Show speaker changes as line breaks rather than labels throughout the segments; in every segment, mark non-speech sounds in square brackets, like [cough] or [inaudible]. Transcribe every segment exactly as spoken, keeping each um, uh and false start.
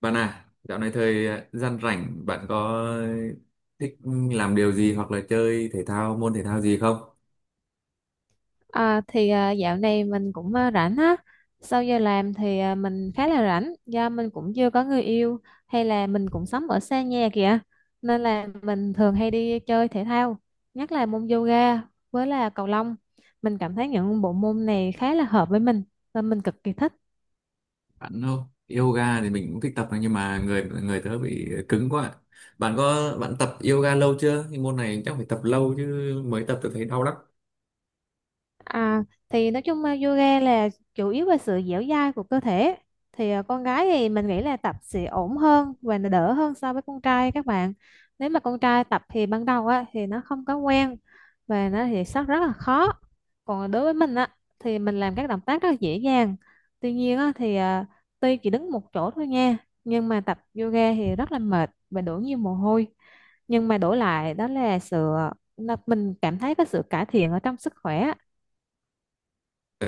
Bạn à, dạo này thời ờ, gian rảnh bạn có thích làm điều gì hoặc là chơi thể thao môn thể thao gì không?
À, thì à, dạo này mình cũng à, rảnh á, sau giờ làm thì à, mình khá là rảnh do mình cũng chưa có người yêu, hay là mình cũng sống ở xa nhà kìa, nên là mình thường hay đi chơi thể thao, nhất là môn yoga với là cầu lông. Mình cảm thấy những bộ môn này khá là hợp với mình và mình cực kỳ thích.
Bạn không? Yoga thì mình cũng thích tập nhưng mà người người tớ bị cứng quá. Bạn có bạn tập yoga lâu chưa? Cái môn này chắc phải tập lâu chứ mới tập tớ thấy đau lắm.
À, thì Nói chung ờ, yoga là chủ yếu về sự dẻo dai của cơ thể. Thì ờ, con gái thì mình nghĩ là tập sẽ ổn hơn và nó đỡ hơn so với con trai các bạn. Nếu mà con trai tập thì ban đầu á thì nó không có quen và nó thì rất rất là khó. Còn đối với mình á thì mình làm các động tác rất là dễ dàng. Tuy nhiên á thì ờ, tuy chỉ đứng một chỗ thôi nha, nhưng mà tập yoga thì rất là mệt và đổ nhiều mồ hôi, nhưng mà đổi lại đó là sự à, nó- mình cảm thấy có sự cải thiện ở trong sức khỏe.
Tớ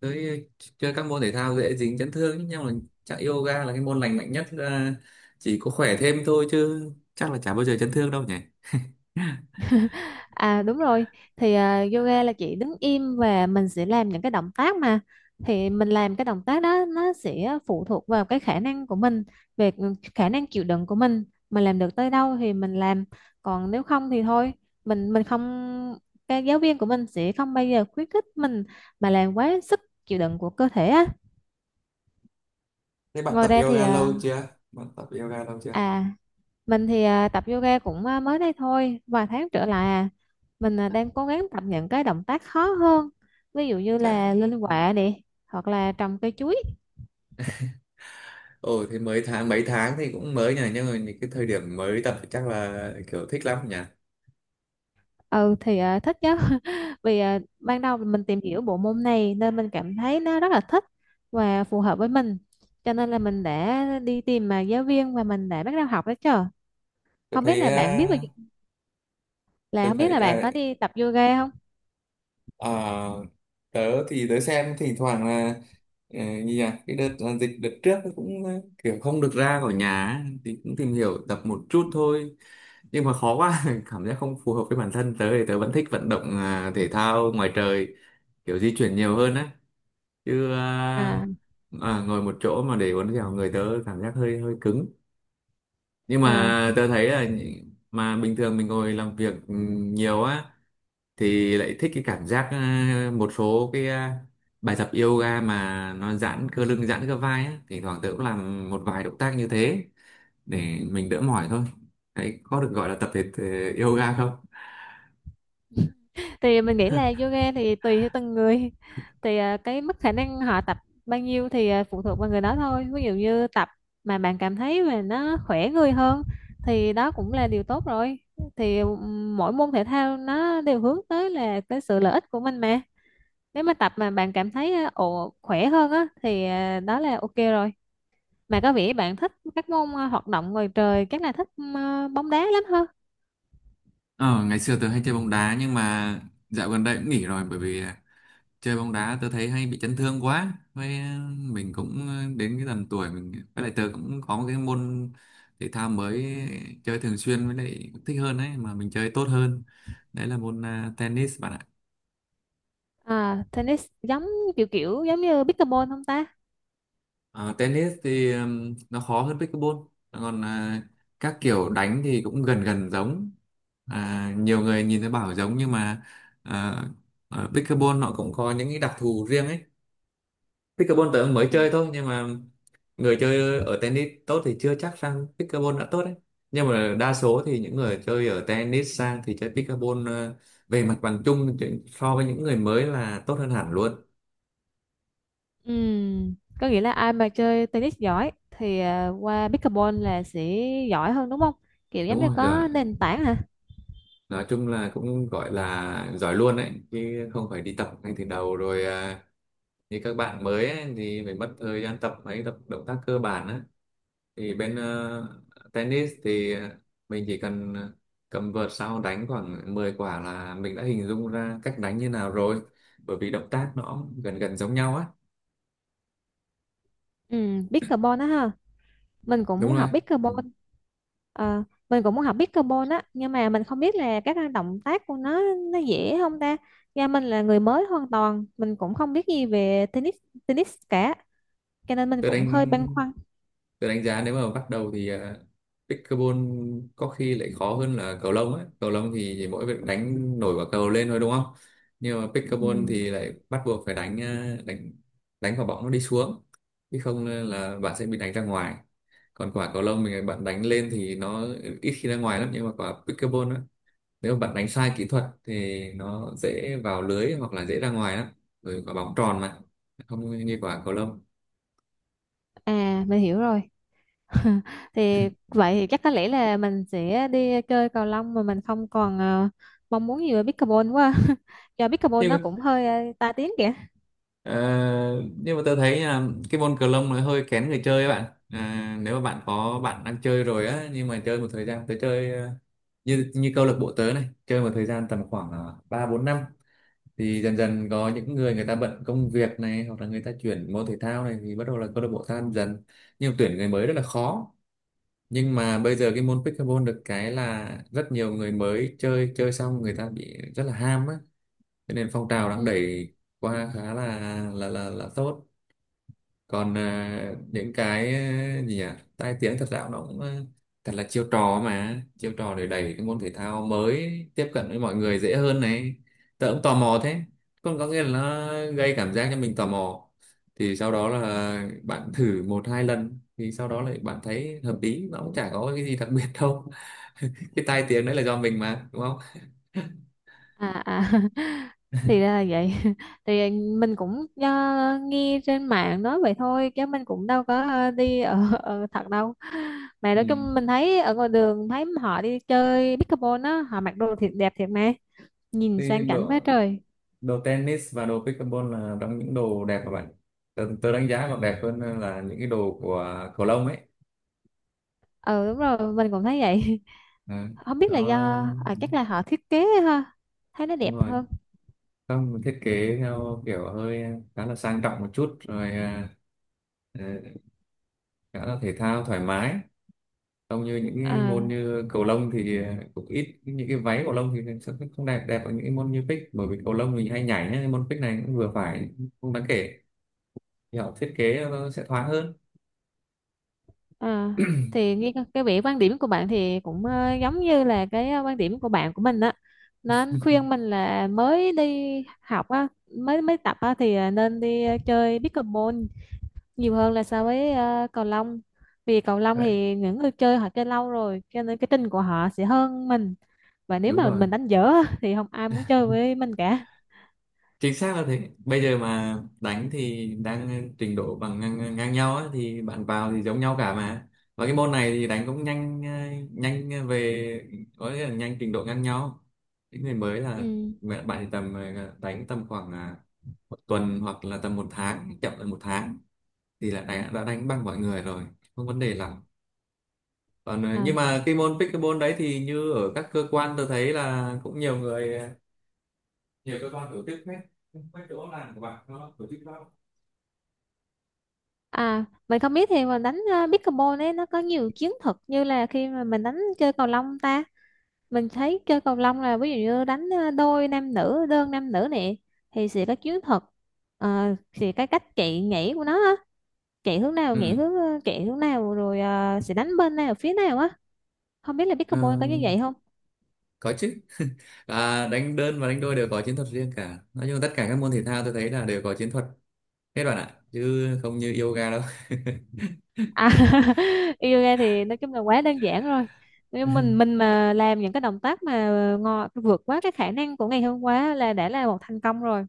tới chơi các môn thể thao dễ dính chấn thương ấy, nhưng mà chắc yoga là cái môn lành mạnh nhất, là chỉ có khỏe thêm thôi chứ chắc là chả bao giờ chấn thương đâu nhỉ. [laughs]
À đúng rồi, thì à, yoga là chỉ đứng im và mình sẽ làm những cái động tác mà, thì mình làm cái động tác đó nó sẽ phụ thuộc vào cái khả năng của mình, về khả năng chịu đựng của mình mình làm được tới đâu thì mình làm, còn nếu không thì thôi. Mình mình không, cái giáo viên của mình sẽ không bao giờ khuyến khích mình mà làm quá sức chịu đựng của cơ thể á.
Thế bạn
Ngoài
tập
ra thì
yoga
à,
lâu chưa? Bạn tập yoga lâu chưa?
à mình thì à, tập yoga cũng à, mới đây thôi, vài tháng trở lại à. Mình à, đang cố gắng tập những cái động tác khó hơn. Ví dụ như
chắc
là lên quạ nè, hoặc là trồng cây chuối.
ồ thì mới tháng mấy tháng thì cũng mới nhỉ, nhưng mà những cái thời điểm mới tập thì chắc là kiểu thích lắm nhỉ.
Ừ thì à, thích chứ. [laughs] Vì à, ban đầu mình tìm hiểu bộ môn này nên mình cảm thấy nó rất là thích và phù hợp với mình. Cho nên là mình đã đi tìm mà giáo viên và mình đã bắt đầu học đó chứ.
tôi
Không biết
thấy
là bạn biết về-
à,
Là
tôi
không biết
thấy
là bạn
à,
có đi tập yoga không?
à, tớ thì tớ xem thỉnh thoảng là ờ, như nhỉ cái đợt là dịch đợt trước, nó cũng ờ, kiểu không được ra khỏi nhà ấy, thì cũng tìm hiểu tập một chút thôi nhưng mà khó quá. [laughs] Cảm giác không phù hợp với bản thân, tớ thì tớ vẫn thích vận động à, thể thao ngoài trời, kiểu di chuyển nhiều hơn á, chứ à,
À
à, ngồi một chỗ mà để uốn dẻo người tớ cảm giác hơi hơi cứng, nhưng
à
mà tớ thấy là mà bình thường mình ngồi làm việc ừ, nhiều á thì lại thích cái cảm giác à, một số cái à, bài tập yoga mà nó giãn cơ lưng giãn cơ vai á, thỉnh thoảng tớ cũng làm một vài động tác như thế để mình đỡ mỏi thôi. Đấy có được gọi là tập thể thể yoga không?
thì mình nghĩ là yoga thì tùy theo từng người [laughs] thì à, cái mức khả năng họ tập bao nhiêu thì à, phụ thuộc vào người đó thôi. Ví dụ như tập mà bạn cảm thấy mà nó khỏe người hơn thì đó cũng là điều tốt rồi. Thì ừm, mỗi môn thể thao nó đều hướng tới là cái sự lợi ích của mình mà, nếu mà tập mà bạn cảm thấy à, ồ khỏe hơn á thì à, đó là ok rồi. Mà có vẻ bạn thích các môn à, hoạt động ngoài trời, chắc là thích ừm, à, bóng đá lắm hơn.
ờ, Ngày xưa tớ hay chơi bóng đá nhưng mà dạo gần đây cũng nghỉ rồi, bởi vì chơi bóng đá tớ thấy hay bị chấn thương quá, với ờ, mình cũng ờ, đến cái tầm tuổi mình, với lại tớ cũng có một cái môn thể thao mới chơi thường xuyên với lại cũng thích hơn ấy mà mình chơi tốt hơn, đấy là môn à, tennis bạn ạ.
À tennis giống kiểu kiểu giống như pickleball không ta?
Ờ, tennis thì ừm, nó khó hơn pickleball, còn à, các kiểu đánh thì cũng gần gần giống, à, nhiều người nhìn thấy bảo giống nhưng mà à, ở pickleball nó cũng có những cái đặc thù riêng ấy. Pickleball tớ mới chơi thôi nhưng mà người chơi ở tennis tốt thì chưa chắc rằng pickleball đã tốt đấy, nhưng mà đa số thì những người chơi ở tennis sang thì chơi pickleball ờ, về mặt bằng chung thì so với những người mới là tốt hơn hẳn luôn.
Ừm, Có nghĩa là ai mà chơi tennis giỏi thì à, qua pickleball là sẽ giỏi hơn đúng không? Kiểu giống
Đúng
như
rồi rồi,
có nền tảng hả?
nói chung là cũng gọi là giỏi luôn đấy chứ không phải đi tập ngay từ đầu rồi, à, như các bạn mới ấy, thì phải mất thời gian tập mấy tập động tác cơ bản á, thì bên ờ, tennis thì ờ, mình chỉ cần ờ, cầm vợt sau đánh khoảng mười quả là mình đã hình dung ra cách đánh như nào rồi, bởi vì động tác nó gần gần giống nhau á.
Ừm, pickleball đó ha. Mình cũng muốn
Đúng rồi.
học
Ừ.
pickleball. Ờ, mình cũng muốn học pickleball á, nhưng mà mình không biết là các động tác của nó nó dễ không ta? Nhà mình là người mới hoàn toàn, mình cũng không biết gì về tennis tennis cả, cho nên mình
tôi
cũng hơi băn
đánh
khoăn.
tôi đánh giá nếu mà bắt đầu thì uh, pickleball có khi lại khó hơn là cầu lông ấy, cầu lông thì chỉ mỗi việc đánh nổi quả cầu lên thôi đúng không, nhưng mà pickleball
Ừm,
thì lại bắt buộc phải đánh ờ, đánh đánh quả bóng nó đi xuống, chứ không ờ, là bạn sẽ bị đánh ra ngoài. Còn quả cầu lông mình ờ, bạn đánh lên thì nó ít khi ra ngoài lắm, nhưng mà quả pickleball á nếu mà bạn đánh sai kỹ thuật thì nó dễ vào lưới hoặc là dễ ra ngoài lắm, rồi quả bóng tròn mà, không như quả cầu lông.
À, mình hiểu rồi. [laughs] Thì vậy thì chắc có lẽ là mình sẽ đi chơi cầu lông mà mình không còn ờ, mong muốn gì về pickleball quá. [laughs] Do pickleball nó
Thế.
cũng hơi ờ, tai tiếng kìa.
Ờ, nhưng mà tôi thấy là cái môn cờ lông nó hơi kén người chơi các bạn à, nếu mà bạn có bạn đang chơi rồi á nhưng mà chơi một thời gian tới chơi ờ, như như câu lạc bộ tớ này chơi một thời gian tầm khoảng ờ, ba bốn năm thì dần dần có những người người ta bận công việc này hoặc là người ta chuyển môn thể thao này thì bắt đầu là câu lạc bộ tan dần, nhưng mà tuyển người mới rất là khó. Nhưng mà bây giờ cái môn pickleball được cái là rất nhiều người mới chơi, chơi xong người ta bị rất là ham á, cho nên phong trào đang
Ừ.
đẩy qua khá là là là là tốt. Còn à, những cái à, gì nhỉ, tai tiếng thật ra nó cũng à, thật là chiêu trò, mà chiêu trò để đẩy cái môn thể thao mới tiếp cận với mọi người dễ hơn này, tớ cũng tò mò thế, còn có nghĩa là nó gây cảm giác cho mình tò mò, thì sau đó là bạn thử một hai lần thì sau đó lại bạn thấy hợp lý nó cũng chả có cái gì đặc biệt đâu. [laughs] Cái tai tiếng đấy là do mình mà đúng không?
à à [laughs] thì ra là vậy. [laughs] Thì mình cũng ờ, nghe trên mạng nói vậy thôi chứ mình cũng đâu có ờ, đi ở, ở thật đâu. Mà nói
Ừ.
chung mình thấy ở ngoài đường thấy họ đi chơi pickleball á, họ mặc đồ thiệt đẹp thiệt mà nhìn sang
Thì
chảnh quá
đó,
trời.
đồ tennis và đồ pickleball là trong những đồ đẹp các bạn, tớ, tớ đánh giá còn đẹp hơn là những cái đồ của cầu lông ấy.
Ừ đúng rồi, mình cũng thấy vậy.
à,
[laughs] Không biết là
Đó.
do à, chắc là họ thiết kế ha, thấy nó
Đúng
đẹp
rồi,
hơn.
không mình thiết
Ừ.
kế theo kiểu hơi khá là sang trọng một chút rồi, à, ờ, khá là thể thao thoải mái, không như những cái môn
à,
như cầu lông thì ờ, cũng ít những cái váy, cầu lông thì sẽ không không đẹp đẹp ở những cái môn như pick, bởi vì cầu lông thì hay nhảy ấy, môn pick này cũng vừa phải, không đáng kể, thì họ thiết kế nó sẽ thoáng hơn.
à thì nghe cái cái vẻ quan điểm của bạn thì cũng ờ, giống như là cái ờ, quan điểm của bạn của mình á, nó khuyên mình là mới đi học á, mới mới tập á thì ờ, nên đi ờ, chơi pickleball nhiều hơn là so với ờ, cầu lông. Vì cầu lông
Đấy.
thì những người chơi họ chơi lâu rồi, cho nên cái trình của họ sẽ hơn mình, và nếu
Đúng
mà
rồi,
mình đánh dở á, thì không ai muốn chơi với mình cả.
chính xác là thế. Bây giờ mà đánh thì đang trình độ bằng ngang, ngang nhau á, thì bạn vào thì giống nhau cả mà, và cái môn này thì đánh cũng nhanh, ờ, nhanh về có nghĩa là nhanh trình độ ngang nhau, những người mới là
Ừ.
mẹ bạn thì tầm ờ, đánh tầm khoảng à, một tuần hoặc là tầm một tháng, chậm là một tháng thì là đã, đã đánh bằng mọi người rồi, không vấn đề lắm. Còn ờ, nhưng
À.
mà cái môn pickleball đấy thì như ở các cơ quan tôi thấy là cũng nhiều người ờ, nhiều cơ quan tổ chức hết, mấy chỗ làm của bạn nó tổ chức đó.
À, mình không biết thì mình đánh ờ, pickleball ấy nó có nhiều chiến thuật như là khi mà mình đánh chơi cầu lông ta. Mình thấy chơi cầu lông là ví dụ như đánh ờ, đôi nam nữ, đơn nam nữ nè, thì sẽ có chiến thuật. Ờ, thì cái cách chạy nhảy của nó á, chạy hướng nào nhảy
Ừ,
hướng ờ, chạy hướng nào rồi ờ, sẽ đánh bên nào phía nào á, không biết là
ờ,
pickleball có như vậy không.
có chứ. [laughs] Và đánh đơn và đánh đôi đều có chiến thuật riêng cả, nói chung tất cả các môn thể thao tôi thấy là đều có chiến thuật hết bạn ạ, chứ không như yoga đâu. [laughs]
À, [laughs] yoga thì nói chung là quá đơn giản rồi. Nếu mình mình mà làm những cái động tác mà ngò vượt quá cái khả năng của ngày hôm qua là đã là một thành công rồi.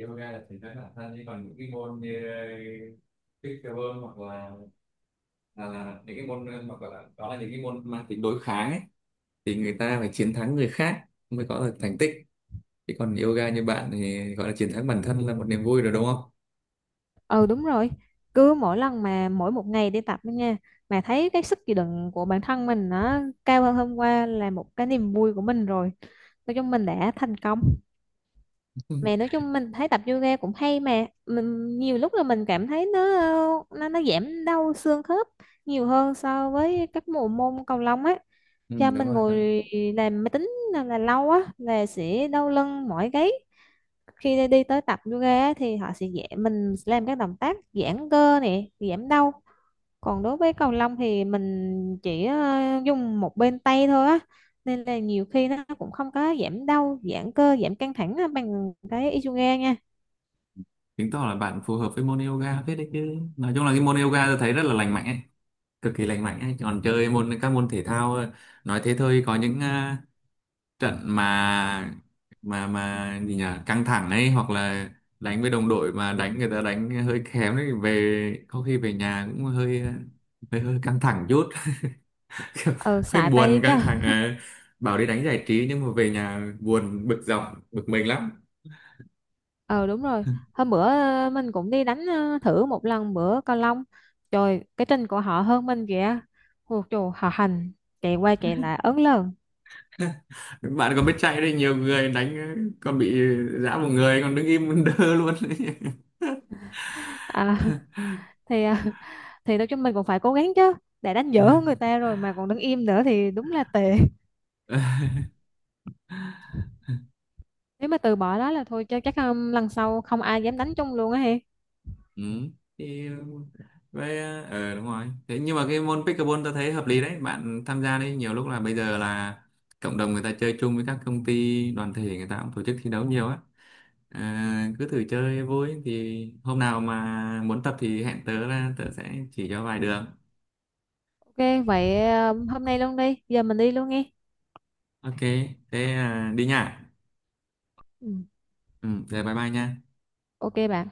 Yoga là thể thao bản thân, chứ còn những cái môn như ờ, pickleball hoặc là là, là những cái môn hoặc là đó là những cái môn mang tính đối kháng ấy, thì người ta phải chiến thắng người khác mới có được thành tích, chứ còn yoga như bạn thì gọi là chiến thắng bản thân là một niềm vui rồi đúng không.
Ừ đúng rồi. Cứ mỗi lần mà mỗi một ngày đi tập đó nha, mà thấy cái sức chịu đựng của bản thân mình nó cao hơn hôm qua là một cái niềm vui của mình rồi. Nói chung mình đã thành công. Mà
[laughs]
nói chung mình thấy tập yoga cũng hay, mà mình nhiều lúc là mình cảm thấy nó nó nó giảm đau xương khớp nhiều hơn so với các bộ môn cầu lông á.
Ừ,
Cho
đúng
mình
rồi. Đó.
ngồi làm máy tính là, là lâu á là sẽ đau lưng mỏi gáy, khi đi tới tập yoga á thì họ sẽ dạy mình làm các động tác giãn cơ nè, giảm đau. Còn đối với cầu lông thì mình chỉ ờ, dùng một bên tay thôi á, nên là nhiều khi nó cũng không có giảm đau, giãn cơ, giảm căng thẳng á bằng cái Isoga nha.
Chứng tỏ là bạn phù hợp với môn yoga phết đấy chứ. Nói chung là cái môn yoga tôi thấy rất là lành mạnh ấy, cực kỳ lành mạnh ấy. Còn chơi môn các môn thể thao ờ, nói thế thôi, có những à, trận mà mà mà gì nhỉ, căng thẳng ấy, hoặc là đánh với đồng đội mà đánh người ta đánh hơi kém ấy, về có khi về nhà cũng hơi ờ, hơi, hơi căng thẳng chút. [laughs] Kiểu
Ờ
hơi
xài
buồn
tay chứ.
căng thẳng. Ờ.
[laughs]
Bảo đi đánh giải trí nhưng mà về nhà buồn bực dọc, bực mình lắm.
Ờ đúng rồi, hôm bữa ờ, mình cũng đi đánh ờ, thử một lần bữa cầu lông, trời cái chân của họ hơn mình kìa. Ôi trời họ hành, chạy qua chạy lại ớn lờn.
Bạn còn biết chạy đấy, nhiều người đánh còn bị giã một người còn đứng im đơ luôn đấy.
à, [laughs] thì ờ, thì nói chung mình cũng phải cố gắng chứ, để đánh dở hơn người ta rồi mà còn đứng im nữa thì đúng là tệ. Nếu mà từ bỏ đó là thôi cho chắc um, lần sau không ai dám đánh chung luôn á he.
[laughs] Ừ. Thì ờ, vậy ờ ờ, đúng rồi. Thế nhưng mà cái môn pickleball tôi thấy hợp lý đấy, bạn tham gia đấy, nhiều lúc là bây giờ là cộng đồng người ta chơi chung với các công ty đoàn thể người ta cũng tổ chức thi đấu nhiều á, à, cứ thử chơi vui, thì hôm nào mà muốn tập thì hẹn tớ là tớ sẽ chỉ cho vài đường.
Ok vậy um, hôm nay luôn đi. Giờ mình đi luôn nghe.
Ok, thế à, đi nha.
Ừ.
Ừ, rồi bye bye nha.
Ok bạn.